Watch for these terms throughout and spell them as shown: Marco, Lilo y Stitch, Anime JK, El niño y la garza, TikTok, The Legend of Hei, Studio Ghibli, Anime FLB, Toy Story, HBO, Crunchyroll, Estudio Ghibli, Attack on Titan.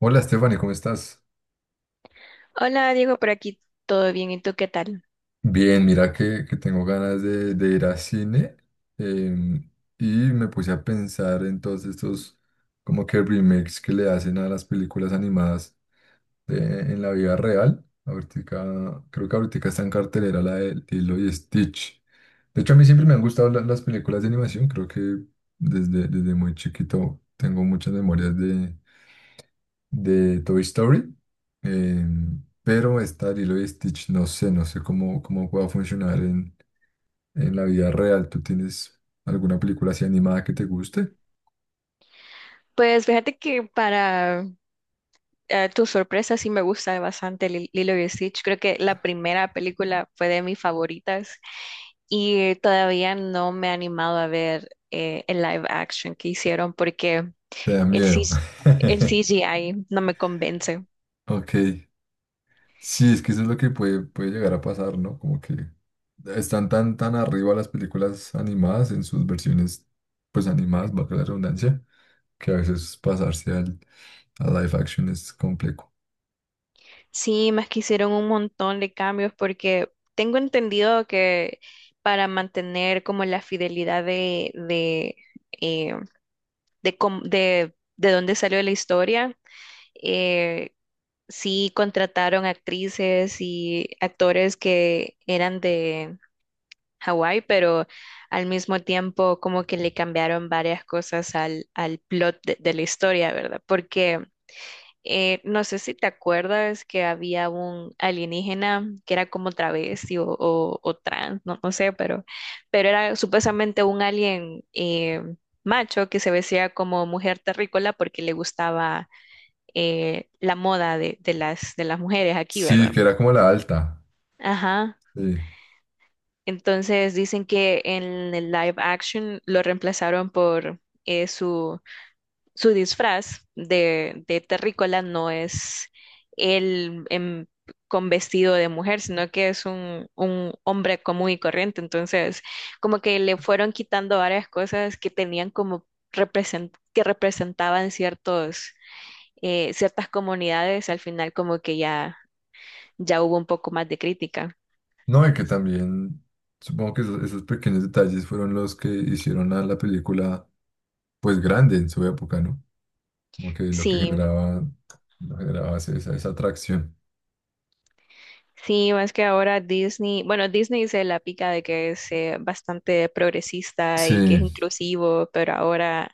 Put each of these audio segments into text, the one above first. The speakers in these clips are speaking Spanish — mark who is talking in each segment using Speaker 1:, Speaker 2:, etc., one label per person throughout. Speaker 1: Hola Stephanie, ¿cómo estás?
Speaker 2: Hola Diego, por aquí todo bien, ¿y tú qué tal?
Speaker 1: Bien, mira que tengo ganas de ir a cine em, y me puse a pensar en todos estos como que remakes que le hacen a las películas animadas de- en la vida real. Ahorita, creo que ahorita está en cartelera la de Lilo y Stitch. De hecho, a mí siempre me han gustado las películas de animación, creo que desde muy chiquito tengo muchas memorias de Toy Story, pero esta Lilo y Stitch no sé, no sé cómo pueda funcionar en la vida real. ¿Tú tienes alguna película así animada que te guste?
Speaker 2: Pues fíjate que para tu sorpresa sí me gusta bastante Lilo y Stitch. Creo que la primera película fue de mis favoritas y todavía no me he animado a ver el live action que hicieron porque
Speaker 1: Te da
Speaker 2: el,
Speaker 1: miedo.
Speaker 2: cis- el CGI no me convence.
Speaker 1: Ok. Sí, es que eso es lo que puede, puede llegar a pasar, ¿no? Como que están tan arriba las películas animadas en sus versiones, pues animadas, bajo la redundancia, que a veces pasarse a live action es complejo.
Speaker 2: Sí, más que hicieron un montón de cambios porque tengo entendido que para mantener como la fidelidad eh, de dónde salió la historia. Eh, sí contrataron actrices y actores que eran de Hawái, pero al mismo tiempo como que le cambiaron varias cosas al plot de la historia, ¿verdad? Porque no sé si te acuerdas que había un alienígena que era como travesti o trans, no, no sé, pero era supuestamente un alien macho que se vestía como mujer terrícola porque le gustaba la moda de las mujeres aquí, ¿verdad?
Speaker 1: Sí, que era como la alta.
Speaker 2: Ajá.
Speaker 1: Sí.
Speaker 2: Entonces dicen que en el live action lo reemplazaron por eh, su su disfraz de terrícola no es él en- con vestido de mujer, sino que es un hombre común y corriente. Entonces, como que le fueron quitando varias cosas que tenían como que representaban ciertas comunidades, al final como que ya hubo un poco más de crítica.
Speaker 1: No, y que también supongo que esos pequeños detalles fueron los que hicieron a la película pues grande en su época, ¿no? Como que lo que
Speaker 2: Sí.
Speaker 1: generaba, lo generaba esa, esa atracción.
Speaker 2: Sí, más que ahora Disney, bueno, Disney se la pica de que es bastante progresista y que es
Speaker 1: Sí.
Speaker 2: inclusivo, pero ahora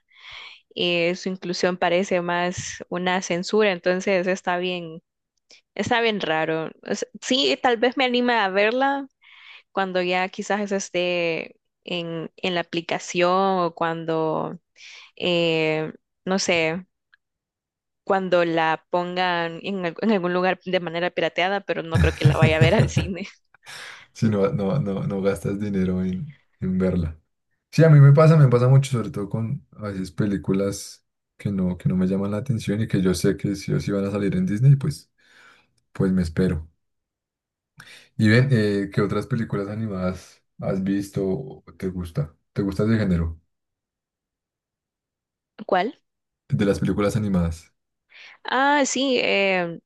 Speaker 2: su inclusión parece más una censura, entonces está bien raro. O sí, tal vez me anime a verla cuando ya quizás eso esté en la aplicación o cuando, eh, no sé, cuando la pongan en algún lugar de manera pirateada, pero no creo que la vaya a ver al cine.
Speaker 1: Si no, no, no, no gastas dinero en verla. Sí, a mí me pasa mucho, sobre todo con a veces películas que no me llaman la atención y que yo sé que si o sí van a salir en Disney, pues, pues me espero. Y ven, ¿qué otras películas animadas has visto o te gusta? ¿Te gusta ese género?
Speaker 2: ¿Cuál?
Speaker 1: De las películas animadas.
Speaker 2: Ah, sí,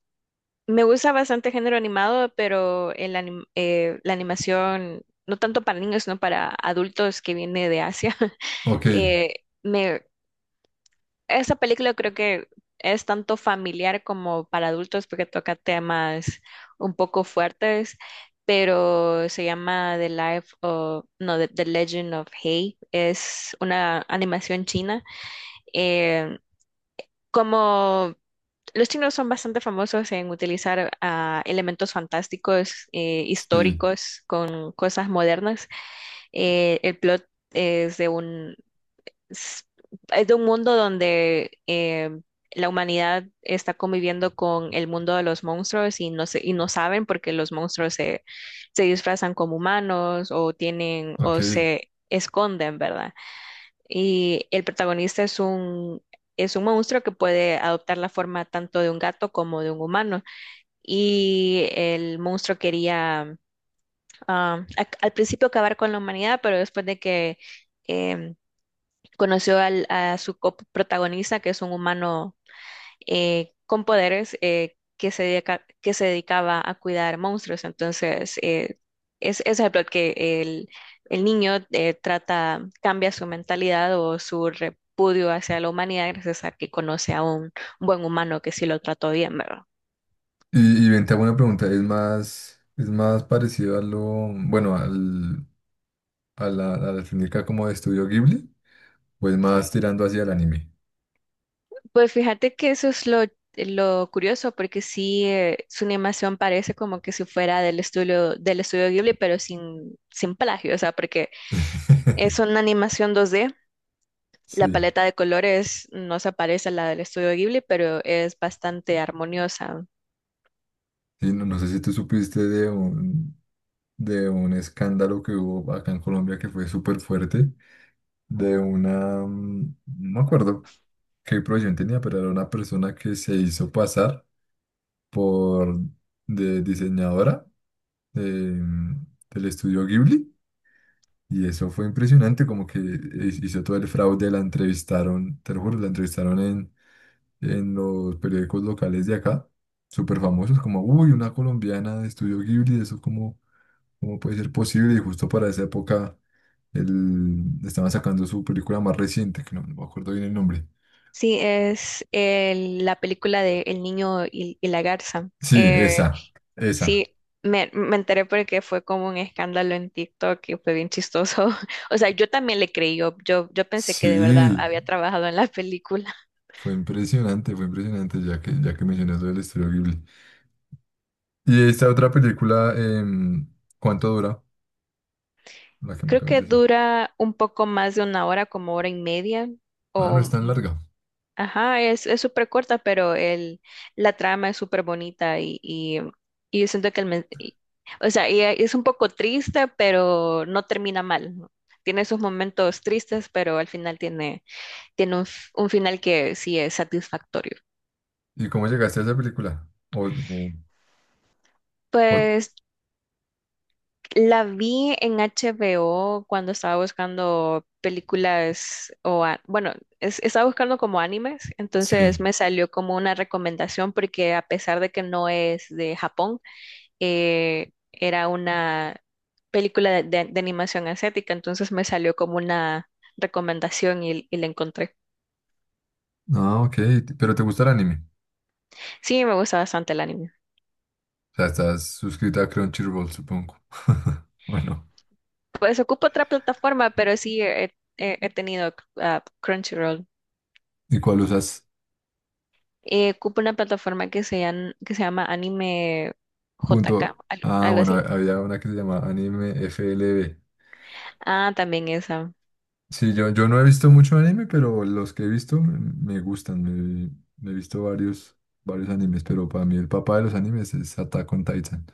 Speaker 2: Me gusta bastante género animado, pero la animación, no tanto para niños, sino para adultos que viene de Asia.
Speaker 1: Ok,
Speaker 2: Eh, me, Esa película creo que es tanto familiar como para adultos porque toca temas un poco fuertes, pero se llama no, The Legend of Hei. Es una animación china. Eh, Como los chinos son bastante famosos en utilizar elementos fantásticos,
Speaker 1: sí,
Speaker 2: históricos, con cosas modernas. El plot es de un, es de un mundo donde la humanidad está conviviendo con el mundo de los monstruos y no saben porque los monstruos se disfrazan como humanos o tienen
Speaker 1: ok.
Speaker 2: o se esconden, ¿verdad? Y el protagonista es un monstruo que puede adoptar la forma tanto de un gato como de un humano. Y el monstruo quería al principio acabar con la humanidad, pero después de que em, conoció a su coprotagonista, que es un humano con poderes que se dedicaba a cuidar monstruos. Entonces, es el plot que el niño cambia su mentalidad o su repudio hacia la humanidad gracias a que conoce a un buen humano que sí lo trató bien, ¿verdad?
Speaker 1: Y ven, te hago una pregunta. Es más parecido a lo, bueno, al, a la técnica como de Estudio Ghibli? ¿O es más tirando hacia el anime?
Speaker 2: Pues fíjate que eso es lo curioso, porque sí, su animación parece como que si fuera del estudio Ghibli, pero sin plagio, o sea, porque es una animación 2D. La
Speaker 1: Sí,
Speaker 2: paleta de colores no se parece a la del estudio Ghibli, pero es bastante armoniosa.
Speaker 1: sí, no, no sé si tú supiste de un escándalo que hubo acá en Colombia que fue súper fuerte, de una, mm, no me acuerdo, qué profesión tenía, pero era una persona que se hizo pasar por de diseñadora de- del estudio Ghibli. Y eso fue impresionante, como que hizo todo el fraude, la entrevistaron, te lo juro, la entrevistaron en los periódicos locales de acá, súper famosos, como, uy, una colombiana de estudio Ghibli, eso cómo, cómo puede ser posible. Y justo para esa época estaban sacando su película más reciente, que no, no me acuerdo bien el nombre.
Speaker 2: Sí, es la película de El niño y la garza.
Speaker 1: Sí, esa, esa.
Speaker 2: Sí, me enteré porque fue como un escándalo en TikTok y fue bien chistoso. O sea, yo también le creí, yo pensé que de verdad
Speaker 1: Sí,
Speaker 2: había trabajado en la película.
Speaker 1: fue impresionante, ya que mencionas lo del estudio Ghibli. Y esta otra película, ¿cuánto dura? La que me
Speaker 2: Creo
Speaker 1: acabas
Speaker 2: que
Speaker 1: de decir.
Speaker 2: dura un poco más de una hora, como hora y media
Speaker 1: Ah, no es
Speaker 2: o.
Speaker 1: tan larga.
Speaker 2: Ajá, es súper corta, pero la trama es súper bonita y yo siento que o sea, y es un poco triste, pero no termina mal, ¿no? Tiene esos momentos tristes, pero al final tiene un final que sí es satisfactorio.
Speaker 1: ¿Y cómo llegaste a esa película? O-
Speaker 2: Pues la vi en HBO cuando estaba buscando películas bueno, estaba buscando como animes,
Speaker 1: sí.
Speaker 2: entonces me salió como una recomendación porque a pesar de que no es de Japón, era una película de animación asiática, entonces me salió como una recomendación y la encontré.
Speaker 1: Ah, ok. Pero ¿te gusta el anime?
Speaker 2: Sí, me gusta bastante el anime.
Speaker 1: O sea, estás suscrita a Crunchyroll, supongo. Bueno.
Speaker 2: Pues ocupo otra plataforma, pero sí he tenido Crunchyroll.
Speaker 1: ¿Y cuál usas?
Speaker 2: Ocupo una plataforma que que se llama Anime JK,
Speaker 1: Punto. Ah,
Speaker 2: algo
Speaker 1: bueno,
Speaker 2: así.
Speaker 1: había una que se llama Anime FLB.
Speaker 2: Ah, también esa.
Speaker 1: Sí, yo no he visto mucho anime, pero los que he visto me, me gustan. Me he visto varios, varios animes, pero para mí el papá de los animes es Attack on Titan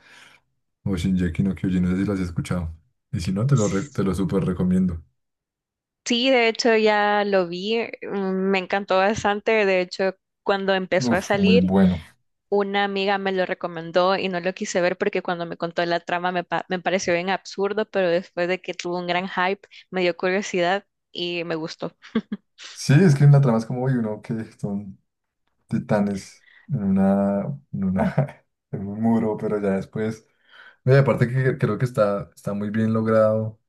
Speaker 1: o Shingeki no Kyojin. No sé si los has escuchado. Y si no, te lo súper recomiendo.
Speaker 2: Sí, de hecho ya lo vi, me encantó bastante, de hecho cuando empezó a
Speaker 1: Uf, muy
Speaker 2: salir.
Speaker 1: bueno.
Speaker 2: Una amiga me lo recomendó y no lo quise ver porque cuando me contó la trama me pareció bien absurdo, pero después de que tuvo un gran hype me dio curiosidad y me gustó.
Speaker 1: Sí, es que en la trama es como, uy, uno que son titanes en una, en un muro, pero ya después. No, y aparte que creo que está, está muy bien logrado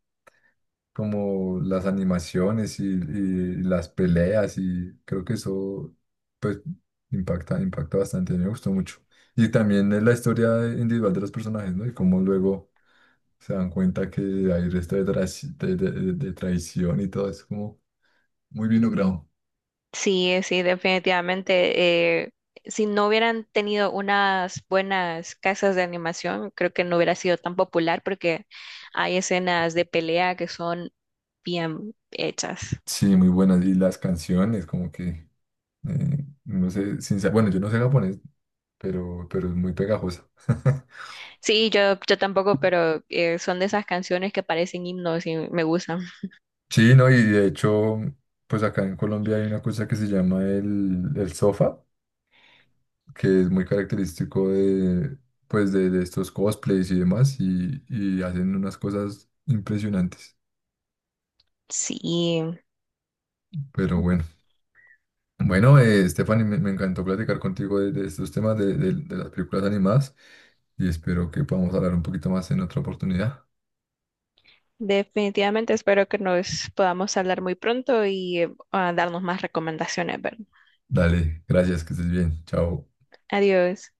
Speaker 1: como las animaciones y las peleas y creo que eso pues impacta, impacta bastante, me gustó mucho. Y también es la historia individual de los personajes, ¿no? Y cómo luego se dan cuenta que hay resto de, de traición y todo, es como muy bien logrado.
Speaker 2: Sí, sí, definitivamente. Si no hubieran tenido unas buenas casas de animación, creo que no hubiera sido tan popular porque hay escenas de pelea que son bien hechas.
Speaker 1: Sí, muy buenas. Y las canciones, como que, no sé, sin, sa- bueno, yo no sé japonés, pero es muy pegajosa.
Speaker 2: Sí, yo tampoco, pero son de esas canciones que parecen himnos y me gustan.
Speaker 1: Sí, no, y de hecho, pues acá en Colombia hay una cosa que se llama el sofa, que es muy característico de, pues de estos cosplays y demás, y hacen unas cosas impresionantes.
Speaker 2: Sí.
Speaker 1: Pero bueno, bueno, Stephanie, me encantó platicar contigo de estos temas de, de las películas animadas, y espero que podamos hablar un poquito más en otra oportunidad.
Speaker 2: Definitivamente espero que nos podamos hablar muy pronto y a darnos más recomendaciones, ¿verdad?
Speaker 1: Dale, gracias, que estés bien, chao.
Speaker 2: Adiós.